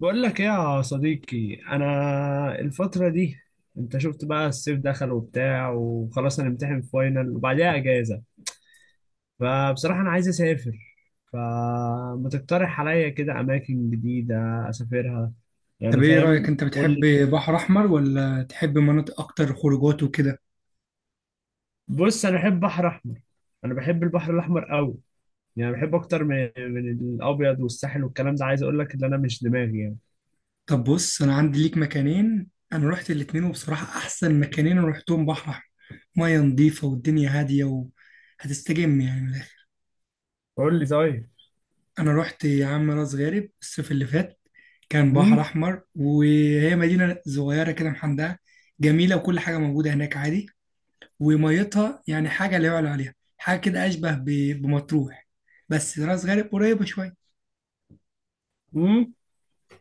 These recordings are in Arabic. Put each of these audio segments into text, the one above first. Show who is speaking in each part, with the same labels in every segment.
Speaker 1: بقول لك ايه يا صديقي؟ انا الفتره دي انت شفت بقى، الصيف دخل وبتاع وخلاص هنمتحن فاينل وبعديها اجازه. فبصراحه انا عايز اسافر، فما تقترح عليا كده اماكن جديده اسافرها؟ يعني
Speaker 2: طب ايه رأيك،
Speaker 1: فاهم،
Speaker 2: انت
Speaker 1: قول
Speaker 2: بتحب
Speaker 1: لي.
Speaker 2: بحر احمر ولا تحب مناطق اكتر خروجات وكده؟
Speaker 1: بص، انا بحب بحر احمر، انا بحب البحر الاحمر قوي. يعني بحب اكتر من الابيض والساحل والكلام ده، عايز اقول لك ان انا مش دماغي يعني.
Speaker 2: طب بص، انا عندي ليك مكانين. انا رحت الاتنين وبصراحة احسن مكانين انا رحتهم بحر احمر. مية نظيفة والدنيا هادية وهتستجم يعني من الاخر.
Speaker 1: قول لي طيب.
Speaker 2: انا رحت يا عم راس غارب الصيف اللي فات. كان بحر
Speaker 1: امم.
Speaker 2: احمر وهي مدينة صغيرة كده محندقة جميلة وكل حاجة موجودة هناك عادي. وميتها يعني حاجة لا يعلى عليها، حاجة كده اشبه بمطروح. بس راس غارب قريبة شوية.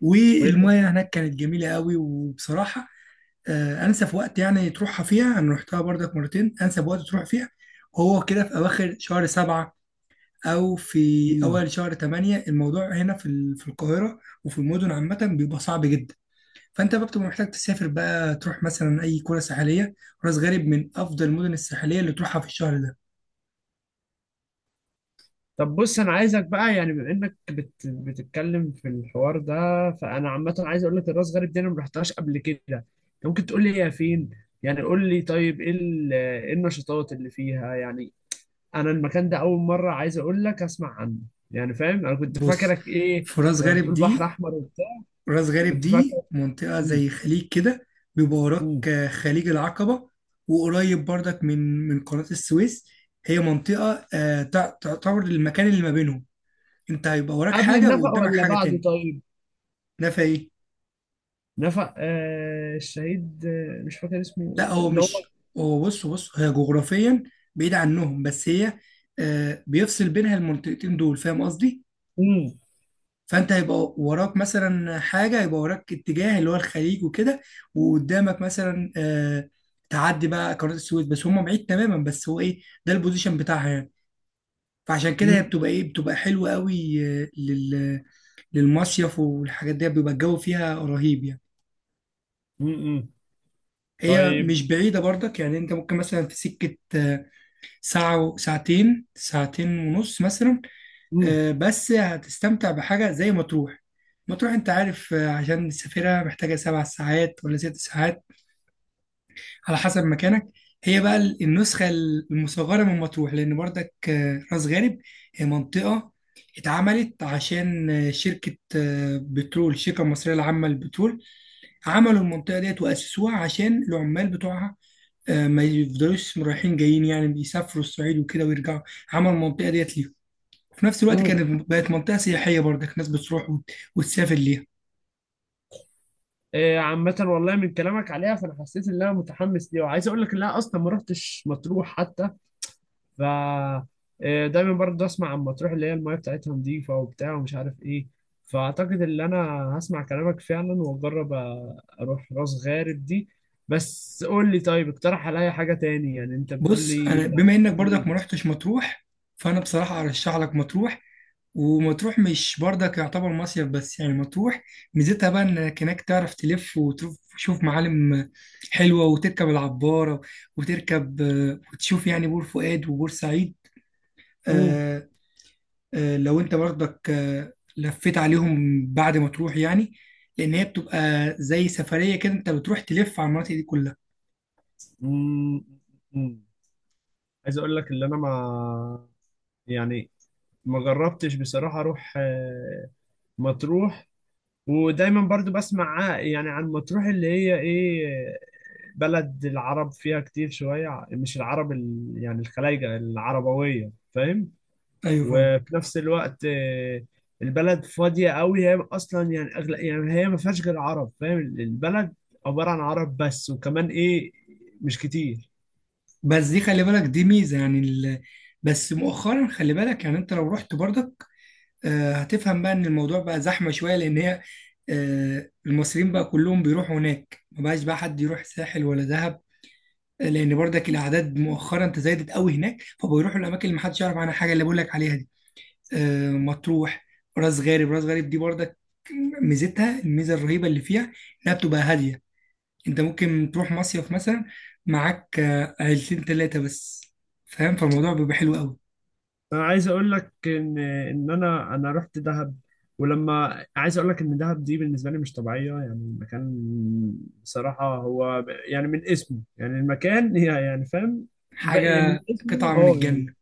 Speaker 2: والمية هناك كانت جميلة قوي، وبصراحة انسب وقت يعني تروحها فيها، انا رحتها برضك مرتين. انسب وقت تروح فيها هو كده في اواخر شهر 7 او في
Speaker 1: امم.
Speaker 2: اول شهر 8. الموضوع هنا في في القاهرة وفي المدن عامة بيبقى صعب جدا. فانت بقى بتبقى محتاج تسافر بقى، تروح مثلا اي قرى ساحلية. راس غارب من افضل المدن الساحلية اللي تروحها في الشهر ده.
Speaker 1: طب بص، انا عايزك بقى يعني بما انك بتتكلم في الحوار ده، فانا عامه عايز اقول لك الراس غارب دي انا ما رحتهاش قبل كده. انت ممكن تقول لي هي فين؟ يعني قول لي طيب، ايه النشاطات اللي فيها يعني؟ انا المكان ده اول مره عايز اقول لك اسمع عنه. يعني فاهم، انا كنت
Speaker 2: بص،
Speaker 1: فاكرك ايه
Speaker 2: في راس
Speaker 1: لما
Speaker 2: غارب
Speaker 1: بتقول بحر
Speaker 2: دي،
Speaker 1: احمر وبتاع؟
Speaker 2: راس غارب
Speaker 1: كنت فاكر.
Speaker 2: دي منطقة
Speaker 1: مم.
Speaker 2: زي خليج كده. بيبقى وراك
Speaker 1: مم.
Speaker 2: خليج العقبة وقريب برضك من قناة السويس. هي منطقة تعتبر المكان اللي ما بينهم. انت هيبقى وراك
Speaker 1: قبل
Speaker 2: حاجة
Speaker 1: النفق
Speaker 2: وقدامك
Speaker 1: ولا
Speaker 2: حاجة
Speaker 1: بعده
Speaker 2: تاني.
Speaker 1: طيب؟
Speaker 2: ده في ايه؟
Speaker 1: نفق الشهيد، مش فاكر اسمه ايه،
Speaker 2: لا،
Speaker 1: ده
Speaker 2: هو
Speaker 1: اللي هو.
Speaker 2: مش هو. بص هي جغرافيا بعيد عنهم، بس هي بيفصل بينها المنطقتين دول. فاهم قصدي؟
Speaker 1: مم.
Speaker 2: فانت هيبقى وراك مثلا حاجه، هيبقى وراك اتجاه اللي هو الخليج وكده، وقدامك مثلا تعدي بقى قناه السويس، بس هم بعيد تماما، بس هو ايه ده البوزيشن بتاعها يعني. فعشان كده هي
Speaker 1: مم.
Speaker 2: بتبقى ايه، بتبقى حلوه قوي للمصيف والحاجات دي، بيبقى الجو فيها رهيب يعني.
Speaker 1: مم. مم.
Speaker 2: هي
Speaker 1: طيب.
Speaker 2: مش بعيده برضك يعني، انت ممكن مثلا في سكه ساعتين، ساعتين ونص مثلا.
Speaker 1: مم.
Speaker 2: بس هتستمتع بحاجة زي مطروح. مطروح انت عارف، عشان نسافرها محتاجة 7 ساعات ولا 6 ساعات، على حسب مكانك. هي بقى النسخة المصغرة من مطروح، لأن برضك راس غارب هي منطقة اتعملت عشان شركة بترول، الشركة المصرية العامة للبترول، عملوا المنطقة ديت وأسسوها عشان العمال بتوعها ما يفضلوش رايحين جايين. يعني بيسافروا الصعيد وكده ويرجعوا، عملوا المنطقة ديت. في نفس الوقت
Speaker 1: امم.
Speaker 2: كانت بقت منطقة سياحية برضك، ناس بتروح وتسافر ليها.
Speaker 1: عامة والله من كلامك عليها فأنا حسيت إن أنا متحمس ليها، وعايز أقول لك إن أنا أصلا ما رحتش مطروح حتى. ف دايما برضه أسمع عن مطروح اللي هي المايه بتاعتها نظيفة وبتاع ومش عارف إيه. فأعتقد إن أنا هسمع كلامك فعلا، وأجرب أروح راس غارب دي. بس قول لي طيب، اقترح عليا حاجة تاني، يعني أنت بتقول
Speaker 2: بص،
Speaker 1: لي
Speaker 2: أنا
Speaker 1: يعني
Speaker 2: بما إنك
Speaker 1: مكان
Speaker 2: برضك ما
Speaker 1: إيه؟
Speaker 2: رحتش مطروح، فأنا بصراحة أرشح لك مطروح. ومطروح مش برضك يعتبر مصيف بس، يعني مطروح ميزتها بقى إنك هناك تعرف تلف وتشوف معالم حلوة وتركب العبارة وتركب وتشوف يعني بور فؤاد وبور سعيد.
Speaker 1: امم.
Speaker 2: آه، لو أنت برضك لفيت عليهم بعد ما تروح يعني، لأن هي بتبقى زي سفرية كده، أنت بتروح تلف على المناطق دي كلها.
Speaker 1: مم. مم. عايز اقول لك اللي انا ما يعني ما جربتش بصراحة اروح مطروح، ودايما برضو بسمع يعني عن مطروح اللي هي ايه، بلد العرب فيها كتير شوية، مش يعني الخلايجة العربوية، فاهم؟
Speaker 2: ايوه فاهم.
Speaker 1: وفي نفس الوقت البلد فاضية قوي، هي أصلا يعني أغلى، يعني هي ما فيهاش غير عرب، فاهم؟ البلد عبارة عن عرب بس، وكمان ايه؟ مش كتير.
Speaker 2: بس دي خلي بالك، دي ميزه يعني بس مؤخرا خلي بالك، يعني انت لو رحت برضك هتفهم بقى ان الموضوع بقى زحمه شويه، لان هي المصريين بقى كلهم بيروحوا هناك، ما بقاش بقى حد يروح ساحل ولا دهب. لان برضك الاعداد مؤخرا تزايدت قوي هناك، فبيروحوا الاماكن اللي محدش يعرف عنها حاجه، اللي بقول لك عليها دي مطروح. راس غارب دي برضك ميزتها الميزه الرهيبه اللي فيها، انها بتبقى هاديه. انت ممكن تروح مصيف مثلا معاك عيلتين تلاتة بس. فاهم، فالموضوع بيبقى حلو قوي.
Speaker 1: انا عايز اقول لك ان انا رحت دهب، ولما عايز اقول لك ان دهب دي بالنسبه لي مش طبيعيه، يعني مكان بصراحه هو يعني من اسمه، يعني المكان هي يعني فاهم؟ بقى من
Speaker 2: حاجة
Speaker 1: اسمه،
Speaker 2: قطعة من
Speaker 1: اه يعني.
Speaker 2: الجنة.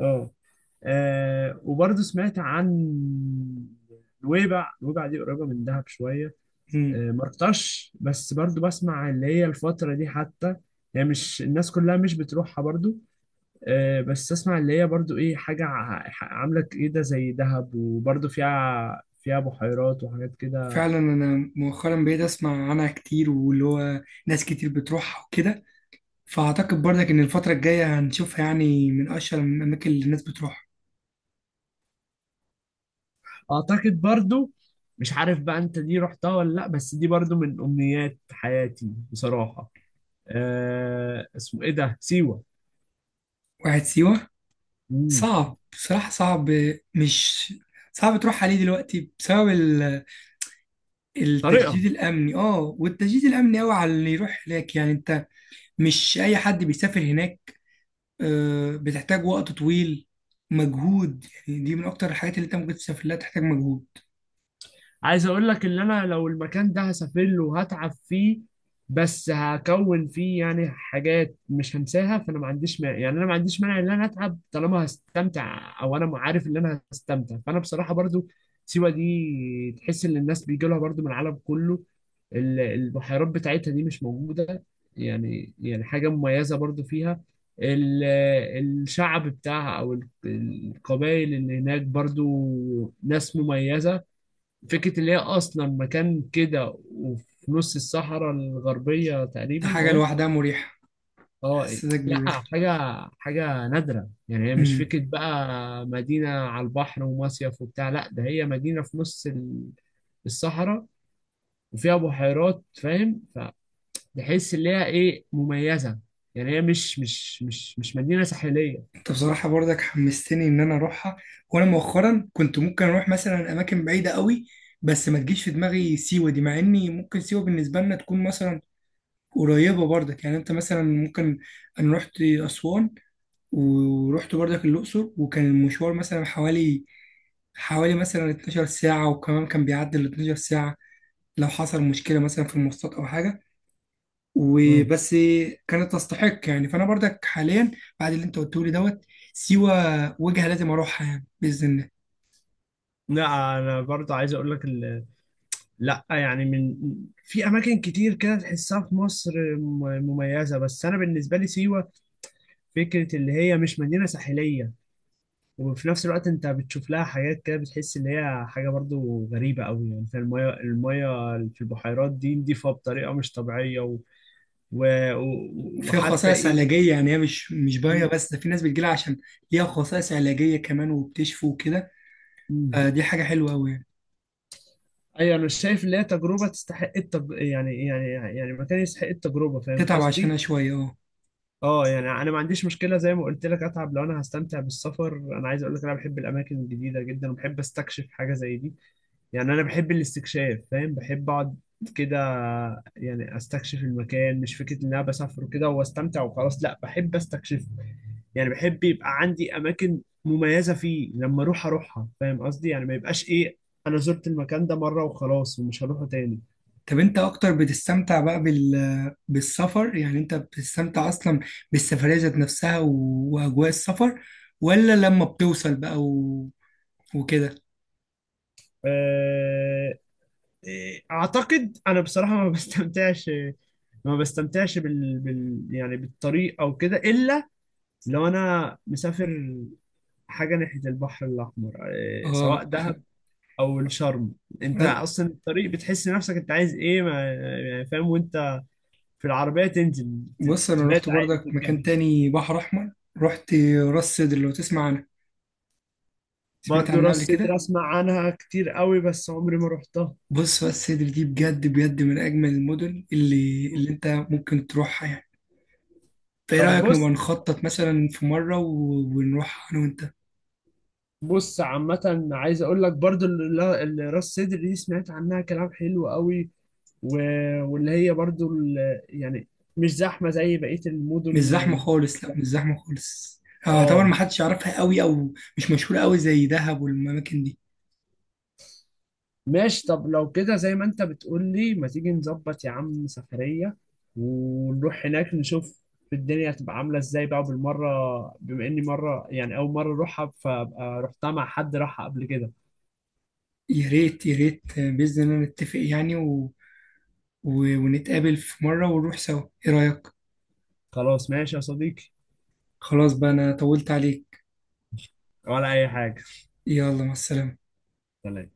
Speaker 1: اه. وبرضه سمعت عن نويبع. نويبع دي قريبه من دهب شويه.
Speaker 2: مم.
Speaker 1: ما رحتهاش بس برضه بسمع اللي هي الفتره دي حتى، هي مش... الناس كلها مش بتروحها برضه. بس اسمع اللي هي برضو ايه، حاجة عاملة كده زي دهب، وبرضو فيها فيها بحيرات وحاجات كده.
Speaker 2: فعلا انا مؤخرا بقيت اسمع عنها كتير، واللي هو ناس كتير بتروحها وكده. فاعتقد برضك ان الفترة الجاية هنشوفها يعني من اشهر الاماكن اللي الناس بتروحها.
Speaker 1: اعتقد برضو، مش عارف بقى انت دي رحتها ولا لا، بس دي برضو من امنيات حياتي بصراحة. أه، اسمه ايه ده، سيوة؟
Speaker 2: واحد سيوة.
Speaker 1: مم.
Speaker 2: صعب بصراحة، صعب، مش تروح عليه دلوقتي بسبب التشديد
Speaker 1: طريقها.
Speaker 2: الامني. اه، والتشديد الامني قوي على اللي يروح هناك. يعني انت مش أي حد بيسافر هناك. بتحتاج وقت طويل، مجهود، يعني دي من أكتر الحاجات اللي أنت ممكن تسافر لها تحتاج مجهود.
Speaker 1: عايز اقول لك ان انا لو المكان ده هسافر له وهتعب فيه، بس هكون فيه يعني حاجات مش هنساها، فانا ما عنديش مانع، يعني انا ما عنديش مانع ان انا اتعب طالما هستمتع، او انا عارف ان انا هستمتع. فانا بصراحة برضو سيوة دي تحس ان الناس بيجي لها برضو من العالم كله، البحيرات بتاعتها دي مش موجودة، يعني يعني حاجة مميزة برضو فيها، ال- الشعب بتاعها او القبائل اللي هناك، برضو ناس مميزة. فكرة اللي هي أصلا مكان كده وفي نص الصحراء الغربية
Speaker 2: دي
Speaker 1: تقريبا،
Speaker 2: حاجة
Speaker 1: اه.
Speaker 2: لوحدها مريحة،
Speaker 1: اه.
Speaker 2: تحسسك
Speaker 1: لا،
Speaker 2: بالراحة.
Speaker 1: حاجة، حاجة نادرة، يعني هي مش
Speaker 2: أمم.
Speaker 1: فكرة بقى مدينة على البحر ومصيف وبتاع، لا، ده هي مدينة في نص الصحراء، وفيها بحيرات، فاهم؟ فتحس اللي هي ايه، مميزة، يعني هي مش مدينة ساحلية.
Speaker 2: أنت بصراحة برضك حمستني إن أنا أروحها. وأنا مؤخرا كنت ممكن أروح مثلا أماكن بعيدة قوي، بس ما تجيش في دماغي سيوة دي، مع إني ممكن سيوة بالنسبة لنا تكون مثلا قريبة برضك. يعني أنت مثلا ممكن، أنا رحت أسوان ورحت برضك الأقصر، وكان المشوار مثلا حوالي مثلا 12 ساعة، وكمان كان بيعدي ال 12 ساعة لو حصل مشكلة مثلا في المواصلات أو حاجة
Speaker 1: مم.
Speaker 2: وبس. كانت تستحق يعني. فأنا برضك حاليا بعد اللي أنت قلته لي دوت سيوة وجهة لازم أروحها، يعني بإذن الله.
Speaker 1: لا، انا برضه عايز اقول لك، لا يعني من... في اماكن كتير كده تحسها في مصر مميزه، بس انا بالنسبه لي سيوه فكره اللي هي مش مدينه ساحليه، وفي نفس الوقت انت بتشوف لها حاجات كده بتحس ان هي حاجه برضو غريبه قوي، يعني في الميه، الميه في البحيرات دي نضيفه بطريقه مش طبيعيه، و... و...
Speaker 2: فيها
Speaker 1: وحتى
Speaker 2: خصائص
Speaker 1: ايه؟
Speaker 2: علاجية يعني، هي مش باية
Speaker 1: م-
Speaker 2: بس، ده في ناس بتجيلها عشان ليها خصائص علاجية كمان وبتشفي وكده.
Speaker 1: م.
Speaker 2: دي حاجة حلوة أوي يعني،
Speaker 1: ايوه، انا شايف ان هي تجربه تستحق يعني مكان يستحق التجربه، فاهم
Speaker 2: تتعب
Speaker 1: قصدي؟
Speaker 2: عشانها شوية. أه.
Speaker 1: اه، يعني انا ما عنديش مشكله، زي ما قلت لك اتعب لو انا هستمتع بالسفر. انا عايز اقول لك انا بحب الاماكن الجديده جدا، وبحب استكشف حاجه زي دي، يعني انا بحب الاستكشاف، فاهم؟ بحب اقعد كده يعني استكشف المكان، مش فكره ان انا بسافر كده واستمتع وخلاص، لا، بحب استكشف. يعني بحب يبقى عندي اماكن مميزه فيه لما اروح اروحها، فاهم قصدي؟ يعني ما يبقاش ايه، انا زرت المكان ده مره وخلاص ومش هروحه تاني.
Speaker 2: طب انت اكتر بتستمتع بقى بالسفر؟ يعني انت بتستمتع اصلا بالسفرية ذات نفسها واجواء السفر، ولا لما بتوصل بقى وكده؟
Speaker 1: آه، إيه، اعتقد انا بصراحه ما بستمتعش، ما بستمتعش يعني بالطريق او كده، الا لو انا مسافر حاجه ناحيه البحر الاحمر، إيه، سواء
Speaker 2: اه.
Speaker 1: دهب او الشرم. انت اصلا الطريق بتحس نفسك انت عايز ايه ما... يعني فاهم؟ وانت في العربيه تنزل
Speaker 2: بص، انا
Speaker 1: تبات
Speaker 2: رحت
Speaker 1: عادي في
Speaker 2: برضك مكان
Speaker 1: الجبل.
Speaker 2: تاني بحر احمر. رحت راس سدر، لو تسمع عنها، سمعت
Speaker 1: برضه
Speaker 2: عنها
Speaker 1: راس
Speaker 2: قبل
Speaker 1: سدر
Speaker 2: كده؟
Speaker 1: اسمع عنها كتير قوي، بس عمري ما رحتها.
Speaker 2: بص، راس سدر دي بجد بجد من اجمل المدن اللي انت ممكن تروحها يعني. فايه
Speaker 1: طب
Speaker 2: رايك نبقى
Speaker 1: بص.
Speaker 2: نخطط مثلا في مره ونروح انا وانت؟
Speaker 1: بص عامة عايز اقول لك برضو اللي راس صدر دي سمعت عنها كلام حلو قوي، و... واللي هي برضو ال... يعني مش زحمة زي بقية
Speaker 2: مش
Speaker 1: المدن
Speaker 2: زحمة خالص، لا
Speaker 1: لا.
Speaker 2: مش زحمة خالص. اعتبر
Speaker 1: اه.
Speaker 2: ما حدش يعرفها قوي او مش مشهورة قوي زي دهب والاماكن دي.
Speaker 1: ماشي، طب لو كده زي ما انت بتقول لي، ما تيجي نظبط يا عم سفرية، ونروح هناك نشوف الدنيا هتبقى عاملة ازاي بقى بالمرة، بما اني مرة، يعني اول مرة اروحها، فابقى رحتها مع حد راحها قبل كده.
Speaker 2: يا ريت يا ريت، بإذن الله نتفق يعني ونتقابل في مرة ونروح سوا. ايه رأيك؟
Speaker 1: خلاص ماشي يا صديقي،
Speaker 2: خلاص بقى، انا طولت عليك.
Speaker 1: ولا اي حاجة.
Speaker 2: يلا، مع السلامة.
Speaker 1: سلام.